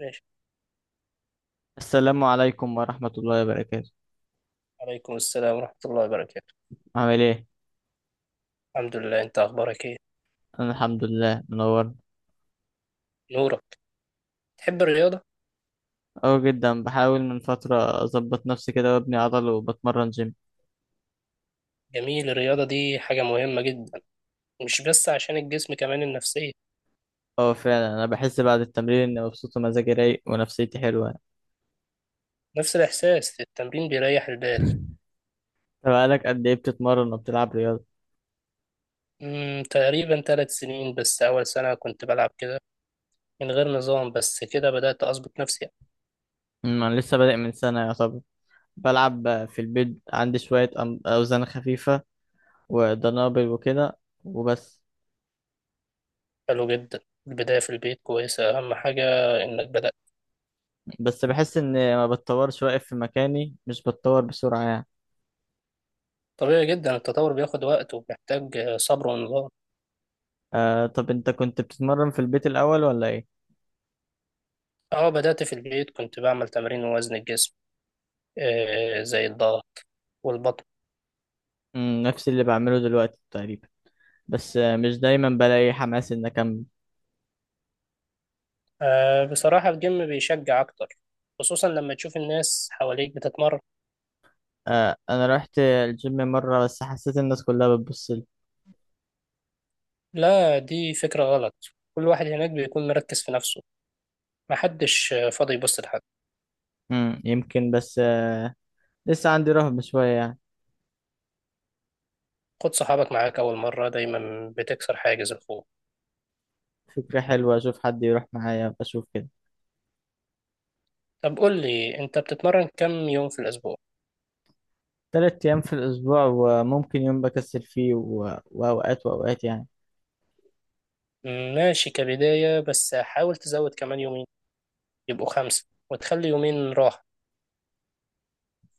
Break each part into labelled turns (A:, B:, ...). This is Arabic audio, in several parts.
A: ماشي.
B: السلام عليكم ورحمة الله وبركاته.
A: عليكم السلام ورحمة الله وبركاته.
B: عامل ايه؟
A: الحمد لله، انت اخبارك ايه؟
B: أنا الحمد لله منور.
A: نورك. تحب الرياضة؟
B: أه جدا، بحاول من فترة أظبط نفسي كده وأبني عضل وبتمرن جيم.
A: جميل، الرياضة دي حاجة مهمة جدا، مش بس عشان الجسم، كمان النفسية.
B: أه فعلا، أنا بحس بعد التمرين إني مبسوط ومزاجي رايق ونفسيتي حلوة.
A: نفس الاحساس، التمرين بيريح البال.
B: طب بقالك قد إيه بتتمرن وبتلعب رياضة؟
A: تقريبا 3 سنين، بس اول سنة كنت بلعب كده من غير نظام، بس كده بدأت اظبط نفسي.
B: أنا لسه بادئ من سنة يعتبر. بلعب في البيت، عندي شوية أوزان خفيفة ودنابل وكده وبس.
A: حلو جدا، البداية في البيت كويسة، اهم حاجة انك بدأت.
B: بس بحس إني ما بتطورش، واقف في مكاني مش بتطور بسرعة يعني.
A: طبيعي جدا، التطور بياخد وقت وبيحتاج صبر ونظام.
B: آه، طب انت كنت بتتمرن في البيت الاول ولا ايه؟
A: اه، بدأت في البيت كنت بعمل تمرين وزن الجسم، زي الضغط والبطن.
B: نفس اللي بعمله دلوقتي تقريبا. بس مش دايما بلاقي حماس ان اكمل.
A: أه، بصراحة الجيم بيشجع أكتر، خصوصا لما تشوف الناس حواليك بتتمرن.
B: آه، انا رحت الجيم مرة بس حسيت الناس كلها بتبصلي.
A: لا، دي فكرة غلط، كل واحد هناك بيكون مركز في نفسه، محدش فاضي يبص لحد.
B: يمكن، بس لسه عندي رهبة شوية يعني.
A: خد صحابك معاك، أول مرة دايما بتكسر حاجز الخوف.
B: فكرة حلوة، اشوف حد يروح معايا بشوف كده.
A: طب قول لي، أنت بتتمرن كم يوم في الأسبوع؟
B: تلات ايام في الاسبوع وممكن يوم بكسل فيه و... واوقات واوقات يعني.
A: ماشي كبداية، بس حاول تزود كمان يومين، يبقوا 5 وتخلي يومين راحة.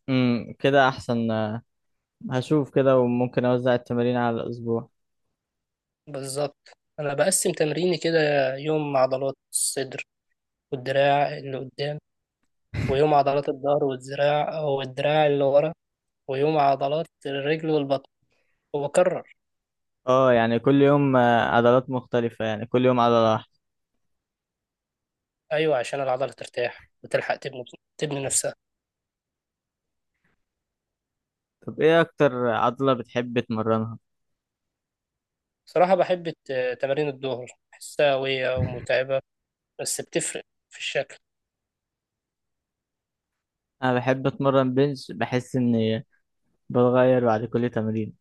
B: كده احسن. آه، هشوف كده وممكن اوزع التمارين على الاسبوع.
A: بالظبط، أنا بقسم تمريني كده: يوم عضلات الصدر والدراع اللي قدام، ويوم عضلات الظهر والذراع والدراع اللي ورا، ويوم عضلات الرجل والبطن، وبكرر.
B: اه، يعني كل يوم عضلات مختلفة، يعني كل يوم عضلة واحدة.
A: أيوة، عشان العضلة ترتاح وتلحق تبني نفسها.
B: طب ايه اكتر عضلة بتحب تمرنها؟
A: صراحة بحب تمارين الظهر، بحسها قوية ومتعبة، بس بتفرق في الشكل.
B: انا بحب اتمرن بنش، بحس اني بتغير بعد كل تمرين.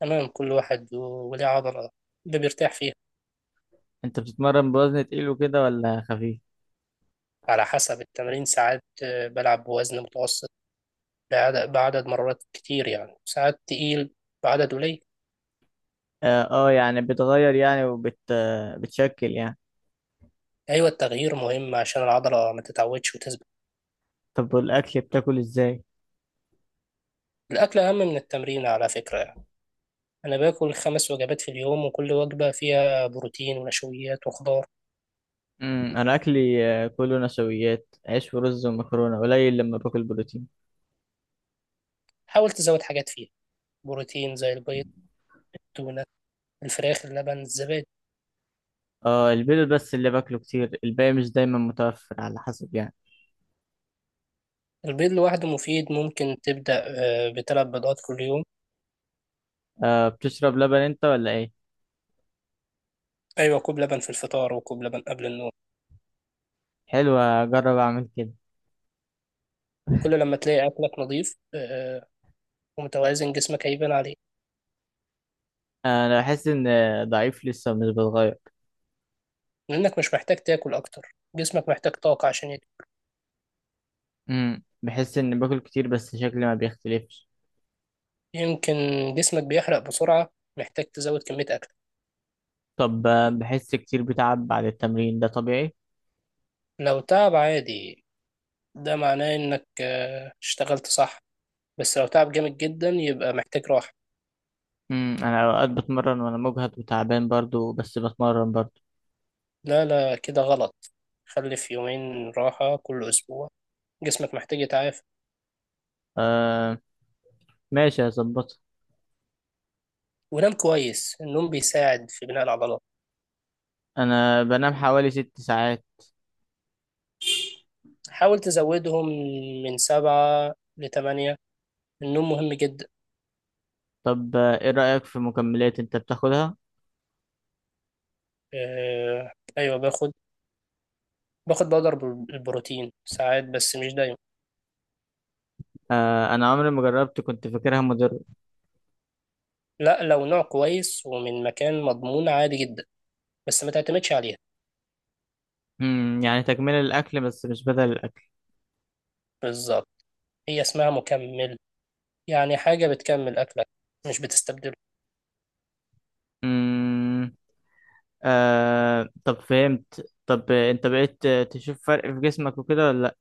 A: تمام، كل واحد وليه عضلة اللي بيرتاح فيها.
B: انت بتتمرن بوزن تقيل وكده ولا خفيف؟
A: على حسب التمارين، ساعات بلعب بوزن متوسط بعدد مرات كتير، يعني ساعات تقيل بعدد قليل.
B: اه، يعني بتغير يعني، وبت آه، بتشكل يعني.
A: أيوة، التغيير مهم عشان العضلة ما تتعودش وتثبت.
B: طب والاكل بتاكل ازاي؟
A: الأكل أهم من التمرين على فكرة يعني. أنا باكل 5 وجبات في اليوم، وكل وجبة فيها بروتين ونشويات وخضار.
B: انا اكلي كله نشويات، عيش ورز ومكرونة، قليل لما باكل بروتين.
A: حاول تزود حاجات فيها بروتين، زي البيض، التونة، الفراخ، اللبن، الزبادي.
B: اه، البيض بس اللي باكله كتير، الباقي مش دايما متوفر على حسب يعني.
A: البيض لوحده مفيد، ممكن تبدأ ب3 بيضات كل يوم.
B: آه، بتشرب لبن انت ولا ايه؟
A: أيوة، كوب لبن في الفطار وكوب لبن قبل النوم.
B: حلو، اجرب اعمل كده.
A: كل لما تلاقي أكلك نظيف ومتوازن، جسمك هيبان عليه.
B: انا بحس ان ضعيف لسه مش بتغير.
A: لأنك مش محتاج تاكل أكتر، جسمك محتاج طاقة عشان
B: بحس ان باكل كتير بس شكلي ما بيختلفش.
A: يمكن جسمك بيحرق بسرعة، محتاج تزود كمية أكل.
B: طب بحس كتير بتعب بعد التمرين، ده طبيعي؟
A: لو تعب عادي، ده معناه انك اشتغلت صح، بس لو تعب جامد جدا يبقى محتاج راحة.
B: انا اوقات بتمرن وانا مجهد وتعبان برضو، بس بتمرن برضو.
A: لا لا، كده غلط، خلي في يومين راحة كل أسبوع، جسمك محتاج يتعافى.
B: آه، ماشي هظبطها.
A: ونام كويس، النوم بيساعد في بناء العضلات،
B: انا بنام حوالي ست ساعات.
A: حاول تزودهم من 7 لـ 8، النوم مهم جدا.
B: طب ايه رأيك في مكملات انت بتاخدها؟
A: آه، أيوة باخد، باخد بودر البروتين ساعات، بس مش دايما.
B: آه، انا عمري ما جربت، كنت فاكرها مضرة.
A: لا، لو نوع كويس ومن مكان مضمون عادي جدا، بس ما تعتمدش عليها.
B: يعني تكملة الاكل بس مش بدل الاكل.
A: بالظبط، هي اسمها مكمل، يعني حاجة بتكمل أكلك مش بتستبدله.
B: امم آه، طب فهمت. طب انت بقيت تشوف فرق في جسمك وكده ولا لا؟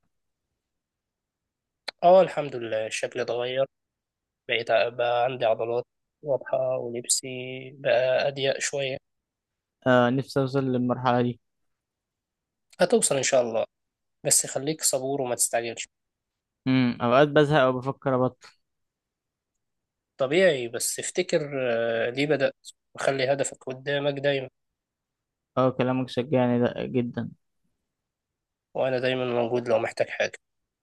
A: اه، الحمد لله شكلي اتغير، بقى عندي عضلات واضحة، ولبسي بقى أضيق شوية.
B: آه، نفسي اوصل للمرحلة دي.
A: هتوصل إن شاء الله، بس خليك صبور وما تستعجلش.
B: اوقات بزهق او بفكر ابطل.
A: طبيعي، بس افتكر ليه بدأت، وخلي هدفك قدامك دايما.
B: اه، كلامك شجعني ده جدا.
A: وأنا دايما موجود لو محتاج حاجة.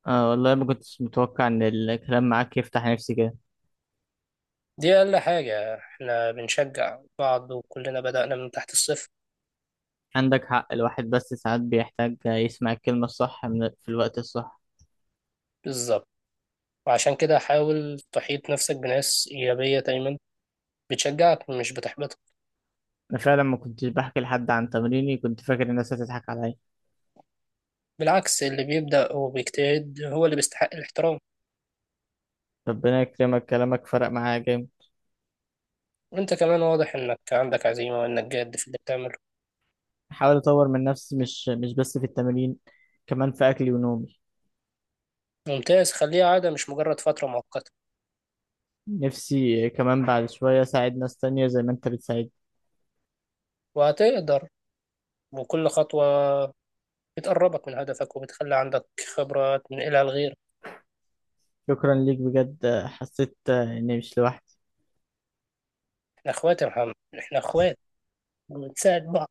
B: اه والله ما كنتش متوقع ان الكلام معاك يفتح نفسي كده.
A: دي أقل حاجة، احنا بنشجع بعض وكلنا بدأنا من تحت الصفر.
B: عندك حق، الواحد بس ساعات بيحتاج يسمع الكلمة الصح من في الوقت الصح.
A: بالظبط، وعشان كده حاول تحيط نفسك بناس إيجابية دايما، بتشجعك مش بتحبطك.
B: انا فعلا ما كنتش بحكي لحد عن تمريني، كنت فاكر الناس هتضحك عليا.
A: بالعكس، اللي بيبدأ وبيجتهد هو اللي بيستحق الاحترام.
B: ربنا يكرمك، كلامك فرق معايا جامد.
A: وانت كمان واضح انك عندك عزيمة، وانك جاد في اللي بتعمله.
B: بحاول اطور من نفسي، مش بس في التمرين، كمان في اكلي ونومي.
A: ممتاز، خليها عادة مش مجرد فترة مؤقتة.
B: نفسي كمان بعد شوية أساعد ناس تانية زي ما أنت بتساعدني.
A: وهتقدر، وكل خطوة بتقربك من هدفك وبتخلي عندك خبرة تنقلها لغيرك.
B: شكرا ليك بجد، حسيت إني مش لوحدي.
A: احنا اخوات يا محمد، احنا اخوات، وبنساعد بعض،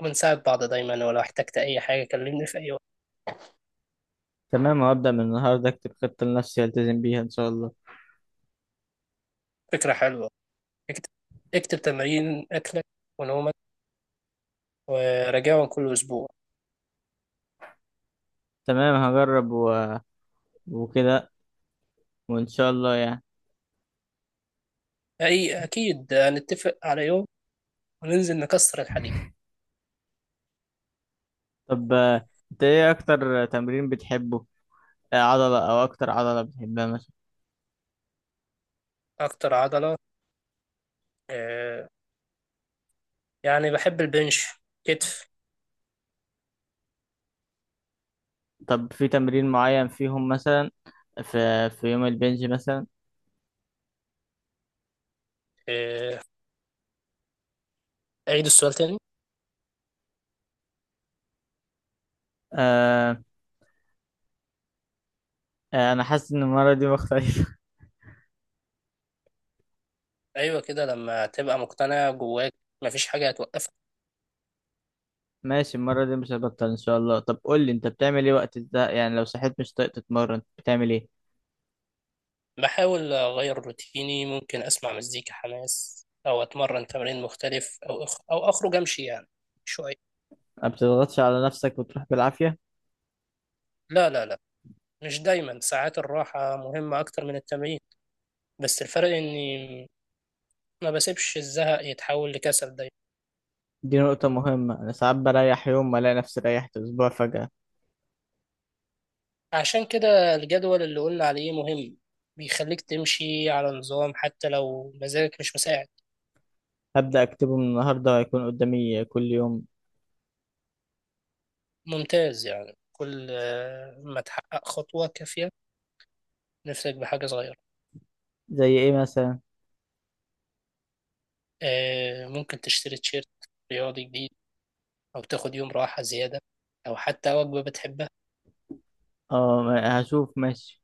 A: وبنساعد بعض دايما، ولو احتجت اي حاجة كلمني في اي وقت.
B: تمام، هبدأ من النهاردة أكتب خطة لنفسي ألتزم بيها إن شاء الله.
A: فكرة حلوة، اكتب، اكتب تمارين اكلك ونومك، وراجعهم كل اسبوع.
B: تمام، هجرب وكده وإن شاء الله يعني.
A: اي، اكيد هنتفق على يوم وننزل نكسر الحديد.
B: طب أنت إيه أكتر تمرين بتحبه؟ آه، عضلة أو أكتر عضلة بتحبها مثلا؟
A: اكتر عضلة آه، يعني بحب البنش، كتف.
B: طب في تمرين معين فيهم مثلا، في يوم البنج مثلا؟
A: آه، اعيد السؤال تاني.
B: آه... آه، أنا حاسس إن المرة دي مختلفة.
A: ايوه كده، لما تبقى مقتنع جواك مفيش حاجة هتوقفك.
B: ماشي، المرة دي مش هبطل إن شاء الله. طب قول لي، أنت بتعمل إيه وقت ده يعني؟ لو صحيت مش طايق تتمرن بتعمل إيه؟
A: بحاول اغير روتيني، ممكن اسمع مزيكا حماس او اتمرن تمرين مختلف او اخرج امشي يعني شوية.
B: ما بتضغطش على نفسك وتروح بالعافية؟
A: لا لا لا، مش دايما، ساعات الراحة مهمة اكتر من التمرين، بس الفرق اني ما بسيبش الزهق يتحول لكسل دايما.
B: دي نقطة مهمة، أنا ساعات بريح يوم وألاقي نفسي ريحت أسبوع فجأة.
A: عشان كده الجدول اللي قلنا عليه مهم، بيخليك تمشي على نظام حتى لو مزاجك مش مساعد.
B: هبدأ أكتبه من النهاردة، هيكون قدامي كل يوم.
A: ممتاز، يعني كل ما تحقق خطوة كافية نفسك بحاجة صغيرة.
B: زي إيه مثلا؟
A: ممكن تشتري تيشيرت رياضي جديد، أو تاخد يوم راحة زيادة، أو حتى وجبة بتحبها.
B: أه، هشوف ماشي.